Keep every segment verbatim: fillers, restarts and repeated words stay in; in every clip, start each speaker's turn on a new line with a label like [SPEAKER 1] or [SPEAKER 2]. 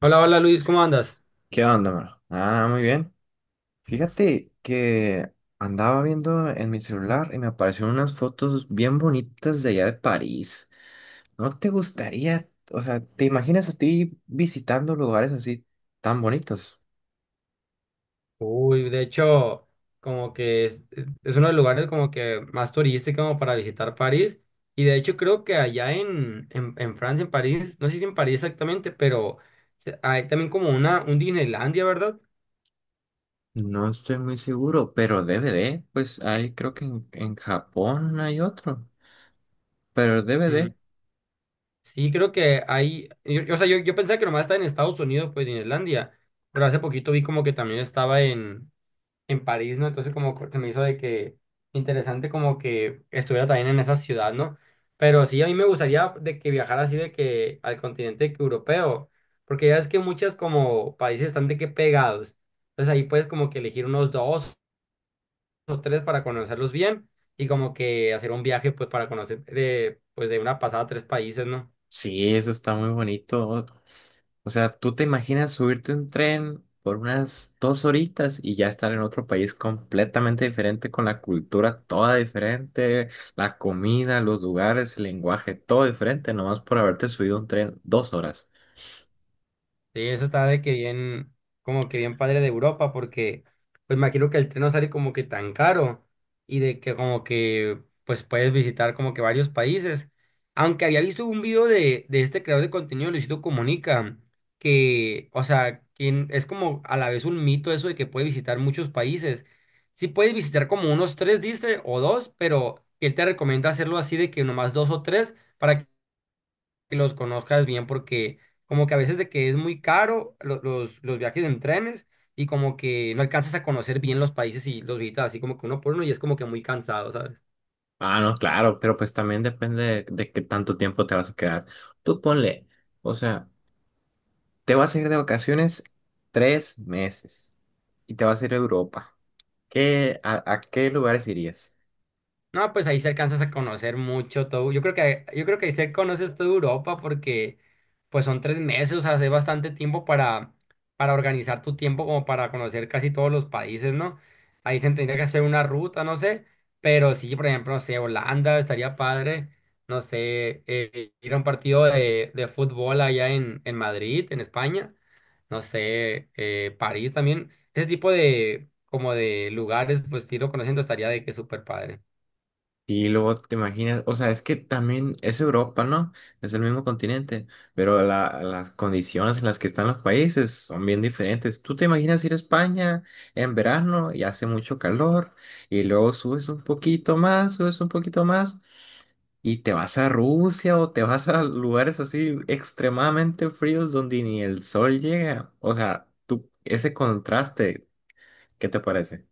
[SPEAKER 1] Hola, hola Luis, ¿cómo andas?
[SPEAKER 2] ¿Qué onda, Mar? Ah, muy bien. Fíjate que andaba viendo en mi celular y me aparecieron unas fotos bien bonitas de allá de París. ¿No te gustaría, o sea, te imaginas a ti visitando lugares así tan bonitos?
[SPEAKER 1] Uy, de hecho, como que es, es uno de los lugares como que más turístico como para visitar París. Y de hecho creo que allá en, en, en Francia, en París, no sé si en París exactamente, pero se- hay también como una, un Disneylandia, ¿verdad?
[SPEAKER 2] No estoy muy seguro, pero D V D, pues ahí creo que en, en Japón hay otro. Pero el
[SPEAKER 1] Mm,
[SPEAKER 2] D V D,
[SPEAKER 1] sí, creo que hay, yo, yo- o sea, yo, yo pensaba que nomás estaba en Estados Unidos, pues Disneylandia, pero hace poquito vi como que también estaba en París, ¿no? Entonces como que se me hizo de que interesante como que estuviera también en esa ciudad, ¿no? Pero sí, a mí me gustaría de que viajara así de que al continente que europeo, porque ya es que muchas como países están de que pegados. Entonces ahí puedes como que elegir unos dos o tres para conocerlos bien y como que hacer un viaje pues para conocer de pues de una pasada tres países, ¿no?
[SPEAKER 2] sí, eso está muy bonito. O sea, tú te imaginas subirte a un tren por unas dos horitas y ya estar en otro país completamente diferente, con la cultura toda diferente, la comida, los lugares, el lenguaje, todo diferente, nomás por haberte subido a un tren dos horas.
[SPEAKER 1] Sí, eso está de que bien, como que bien padre de Europa, porque pues me imagino que el tren no sale como que tan caro y de que como que pues puedes visitar como que varios países. Aunque había visto un video de, de este creador de contenido, Luisito Comunica, que, o sea, quien es como a la vez un mito eso de que puedes visitar muchos países. Sí puedes visitar como unos tres, dice, o dos, pero que él te recomienda hacerlo así de que nomás dos o tres para que los conozcas bien porque como que a veces de que es muy caro lo- los, los viajes en trenes y como que no alcanzas a conocer bien los países y los visitas así como que uno por uno y es como que muy cansado, ¿sabes?
[SPEAKER 2] Ah, no, claro, pero pues también depende de, de qué tanto tiempo te vas a quedar. Tú ponle, o sea, te vas a ir de vacaciones tres meses y te vas a ir a Europa. ¿Qué, a, a qué lugares irías?
[SPEAKER 1] No, pues ahí se alcanzas a conocer mucho todo. Yo creo que yo creo que ahí se conoces toda Europa porque pues son tres meses, o sea, hace bastante tiempo para, para organizar tu tiempo como para conocer casi todos los países, ¿no? Ahí se tendría que hacer una ruta, no sé, pero sí, por ejemplo, no sé, Holanda estaría padre, no sé, eh, ir a un partido de, de fútbol allá en, en Madrid, en España, no sé, eh, París también, ese tipo de como de lugares, pues ir conociendo estaría de que súper padre.
[SPEAKER 2] Y luego te imaginas, o sea, es que también es Europa, ¿no? Es el mismo continente, pero la- las condiciones en las que están los países son bien diferentes. Tú te imaginas ir a España en verano y hace mucho calor, y luego subes un poquito más, subes un poquito más, y te vas a Rusia o te vas a lugares así extremadamente fríos donde ni el sol llega. O sea, tú, ese contraste, ¿qué te parece?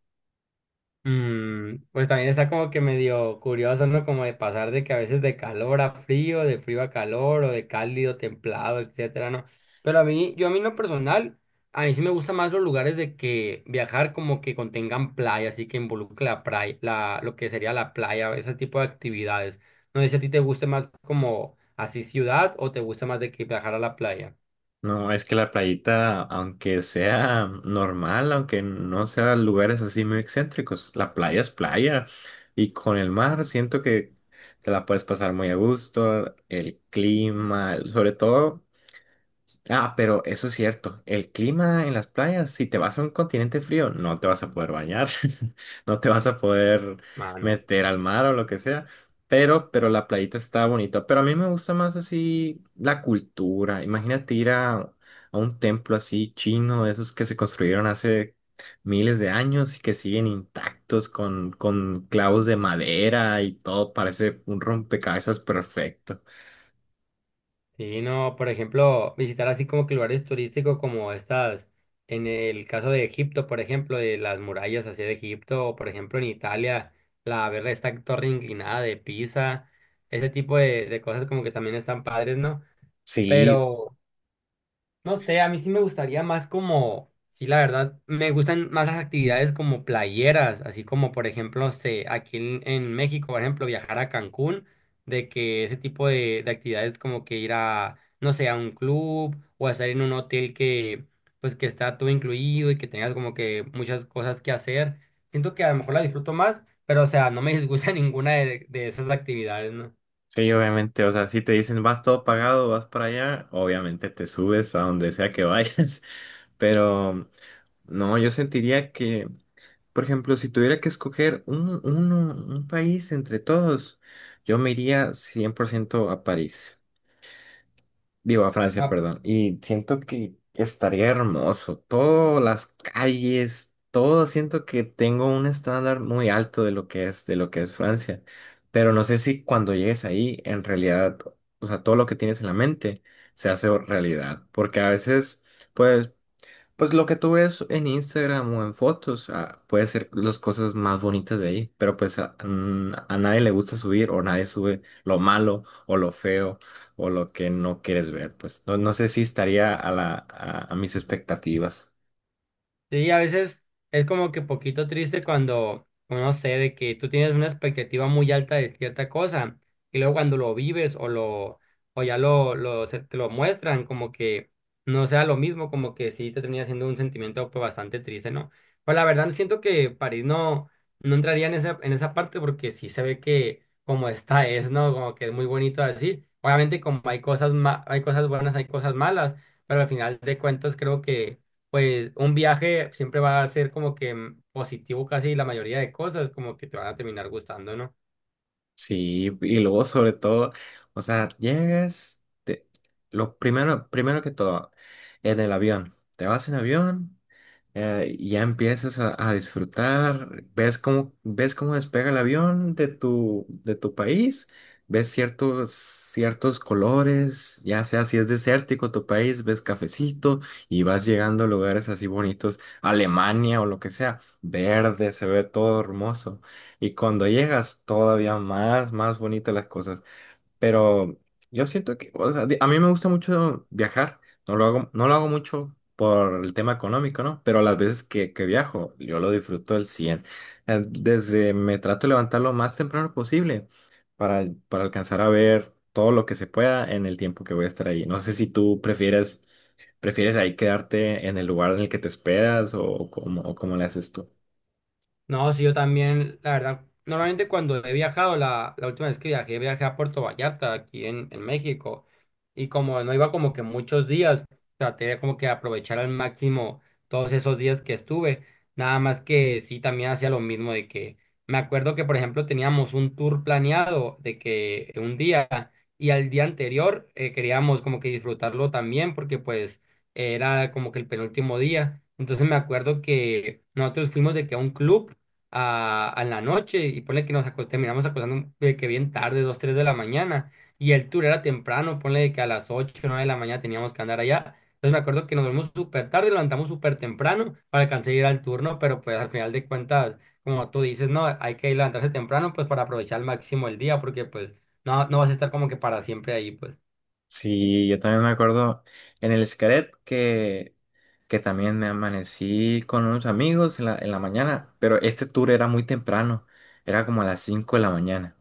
[SPEAKER 1] Mm, pues también está como que medio curioso, ¿no? Como de pasar de que a veces de calor a frío, de frío a calor, o de cálido, templado, etcétera, ¿no? Pero a mí, yo a mí en lo personal, a mí sí me gustan más los lugares de que viajar como que contengan playa, así que involucre la playa, la, lo que sería la playa, ese tipo de actividades. No sé si a ti te guste más como así ciudad o te gusta más de que viajar a la playa.
[SPEAKER 2] No, es que la playita, aunque sea normal, aunque no sea lugares así muy excéntricos, la playa es playa. Y con el mar siento que te la puedes pasar muy a gusto, el clima, el- sobre todo. Ah, pero eso es cierto. El clima en las playas, si te vas a un continente frío, no te vas a poder bañar, no te vas a poder meter al mar o lo que sea. Pero, pero la playita está bonita. Pero a mí me gusta más así la cultura. Imagínate ir a, a un templo así chino, de esos que se construyeron hace miles de años y que siguen intactos con, con clavos de madera y todo. Parece un rompecabezas perfecto.
[SPEAKER 1] Sí, no, por ejemplo, visitar así como que lugares turísticos como estas, en el caso de Egipto, por ejemplo, de las murallas hacia de Egipto, o por ejemplo en Italia, la ver esta torre inclinada de Pisa, ese tipo de, de cosas como que también están padres, ¿no?
[SPEAKER 2] Sí,
[SPEAKER 1] Pero no sé, a mí sí me gustaría más como, sí, la verdad, me gustan más las actividades como playeras, así como, por ejemplo, no sé, aquí en, en México, por ejemplo, viajar a Cancún, de que ese tipo de, de actividades como que ir a, no sé, a un club o estar en un hotel que, pues, que está todo incluido y que tengas como que muchas cosas que hacer. Siento que a lo mejor la disfruto más, pero, o sea, no me disgusta ninguna de, de esas actividades, ¿no?
[SPEAKER 2] sí, obviamente, o sea, si te dicen vas todo pagado, vas para allá, obviamente te subes a donde sea que vayas, pero no, yo sentiría que, por ejemplo, si tuviera que escoger un, uno- un país entre todos, yo me iría cien por ciento a París. Digo, a Francia, perdón. Y siento que estaría hermoso. Todas las calles, todo siento que tengo un estándar muy alto de lo que es, de lo que es Francia. Pero no sé si cuando llegues ahí, en realidad, o sea, todo lo que tienes en la mente se hace realidad. Porque a veces, pues, pues lo que tú ves en Instagram o en fotos, ah, puede ser las cosas más bonitas de ahí, pero pues a, mm, a nadie le gusta subir o nadie sube lo malo o lo feo o lo que no quieres ver, pues no, no sé si estaría a la, a, a mis expectativas.
[SPEAKER 1] Sí, a veces es como que poquito triste cuando, no sé, de que tú tienes una expectativa muy alta de cierta cosa y luego cuando lo vives o lo o ya lo, lo se te lo muestran como que no sea lo mismo, como que sí te termina siendo un sentimiento pues, bastante triste, ¿no? Pues la verdad siento que París no no entraría en esa en esa parte porque sí se ve que como está es, ¿no? Como que es muy bonito así. Obviamente como hay cosas ma- hay cosas buenas, hay cosas malas, pero al final de cuentas creo que pues un viaje siempre va a ser como que mm, positivo casi la mayoría de cosas, como que te van a terminar gustando, ¿no?
[SPEAKER 2] Sí, y luego sobre todo, o sea, llegas, te- lo primero, primero que todo, en el avión, te vas en avión. Eh, ya empiezas a, a disfrutar, ves cómo, ves cómo despega el avión de tu, de tu país, ves ciertos, ciertos colores, ya sea si es desértico tu país, ves cafecito y vas llegando a lugares así bonitos, Alemania o lo que sea, verde, se ve todo hermoso. Y cuando llegas, todavía más, más bonitas las cosas. Pero yo siento que, o sea, di- a mí me gusta mucho viajar. No lo hago, no lo hago mucho por el tema económico, ¿no? Pero las veces que, que viajo, yo lo disfruto al cien. Eh, Desde me trato de levantar lo más temprano posible para, para alcanzar a ver todo lo que se pueda en el tiempo que voy a estar ahí. No sé si tú prefieres, prefieres ahí quedarte en el lugar en el que te esperas o, o cómo, o cómo le haces.
[SPEAKER 1] No, sí, yo también, la verdad, normalmente cuando he viajado, la, la última vez que viajé, viajé a Puerto Vallarta, aquí en, en México, y como no iba como que muchos días, traté de como que aprovechar al máximo todos esos días que estuve, nada más que sí, también hacía lo mismo de que, me acuerdo que, por ejemplo, teníamos un tour planeado de que un día, y al día anterior eh, queríamos como que disfrutarlo también, porque pues era como que el penúltimo día, entonces me acuerdo que nosotros fuimos de que a un club, a, a la noche y ponle que nos acos- terminamos acostando de que bien tarde, dos tres de la mañana y el tour era temprano, ponle de que a las ocho nueve de la mañana teníamos que andar allá. Entonces me acuerdo que nos dormimos súper tarde, levantamos súper temprano para alcanzar a ir al turno, pero pues al final de cuentas, como tú dices, no, hay que levantarse temprano pues para aprovechar al máximo el día porque pues no, no vas a estar como que para siempre ahí pues.
[SPEAKER 2] Sí, yo también me acuerdo en el Xcaret que, que también me amanecí con unos amigos en la, en la mañana, pero este tour era muy temprano, era como a las cinco de la mañana.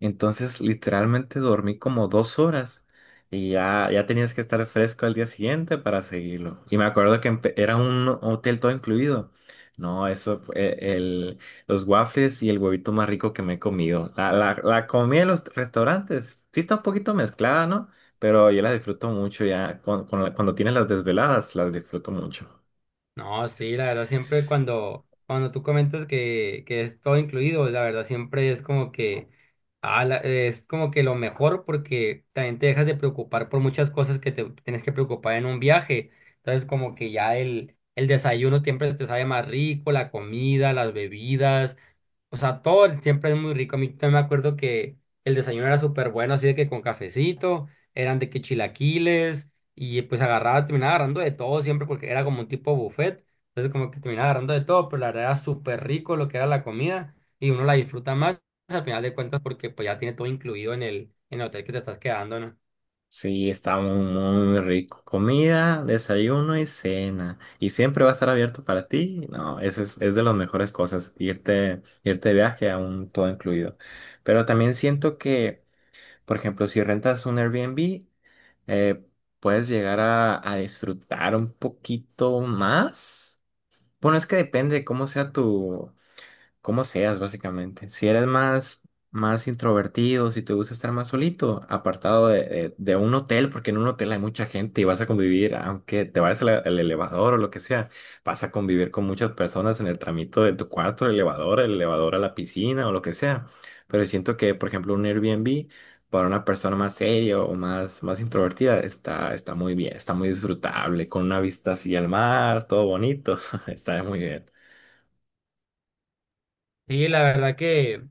[SPEAKER 2] Entonces, literalmente dormí como dos horas y ya, ya tenías que estar fresco al día siguiente para seguirlo. Y me acuerdo que empe- era un hotel todo incluido. No, eso, fue el, los waffles y el huevito más rico que me he comido. La, la, la comida en los restaurantes sí está un poquito mezclada, ¿no? Pero yo la disfruto mucho ya. Con, con la- cuando tienes las desveladas, las disfruto mucho.
[SPEAKER 1] No, sí, la verdad siempre cuando, cuando tú comentas que, que es todo incluido, la verdad siempre es como que ah, la- es como que lo mejor porque también te dejas de preocupar por muchas cosas que te tienes que preocupar en un viaje. Entonces como que ya el, el desayuno siempre te sabe más rico, la comida, las bebidas. O sea, todo el- siempre es muy rico. A mí también me acuerdo que el desayuno era súper bueno, así de que con cafecito, eran de que chilaquiles, y pues agarraba, terminaba agarrando de todo siempre porque era como un tipo buffet. Entonces como que terminaba agarrando de todo, pero la verdad era súper rico lo que era la comida y uno la disfruta más al final de cuentas porque pues ya tiene todo incluido en el, en el hotel que te estás quedando, ¿no?
[SPEAKER 2] Sí, está muy, muy rico. Comida, desayuno y cena. Y siempre va a estar abierto para ti. No, eso es, es de las mejores cosas, irte, irte de viaje a un todo incluido. Pero también siento que, por ejemplo, si rentas un Airbnb, eh, puedes llegar a, a disfrutar un poquito más. Bueno, es que depende de cómo sea tu como seas, básicamente. Si eres más, más introvertido, si te gusta estar más solito, apartado de, de- de un hotel, porque en un hotel hay mucha gente y vas a convivir, aunque te vayas al, al elevador o lo que sea, vas a convivir con muchas personas en el tramito de tu cuarto, el elevador, el elevador a la piscina o lo que sea. Pero siento que, por ejemplo, un Airbnb para una persona más seria o más, más introvertida está, está muy bien, está muy disfrutable, con una vista así al mar, todo bonito, está muy bien.
[SPEAKER 1] Sí, la verdad que...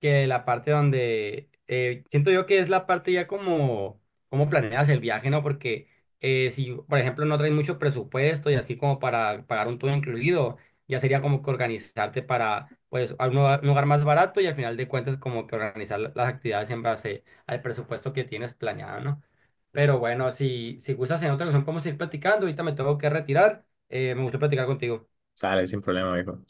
[SPEAKER 1] que la parte donde eh, siento yo que es la parte ya como como planeas el viaje, ¿no? Porque eh, si, por ejemplo, no traes mucho presupuesto y así como para pagar un todo incluido, ya sería como que organizarte para, pues, a un lugar, un lugar, más barato y al final de cuentas como que organizar la- las actividades en base al presupuesto que tienes planeado, ¿no? Pero bueno, si, si, gustas en otra ocasión podemos ir platicando, ahorita me tengo que retirar. Eh, me gustó platicar contigo,
[SPEAKER 2] Sale sin problema, hijo.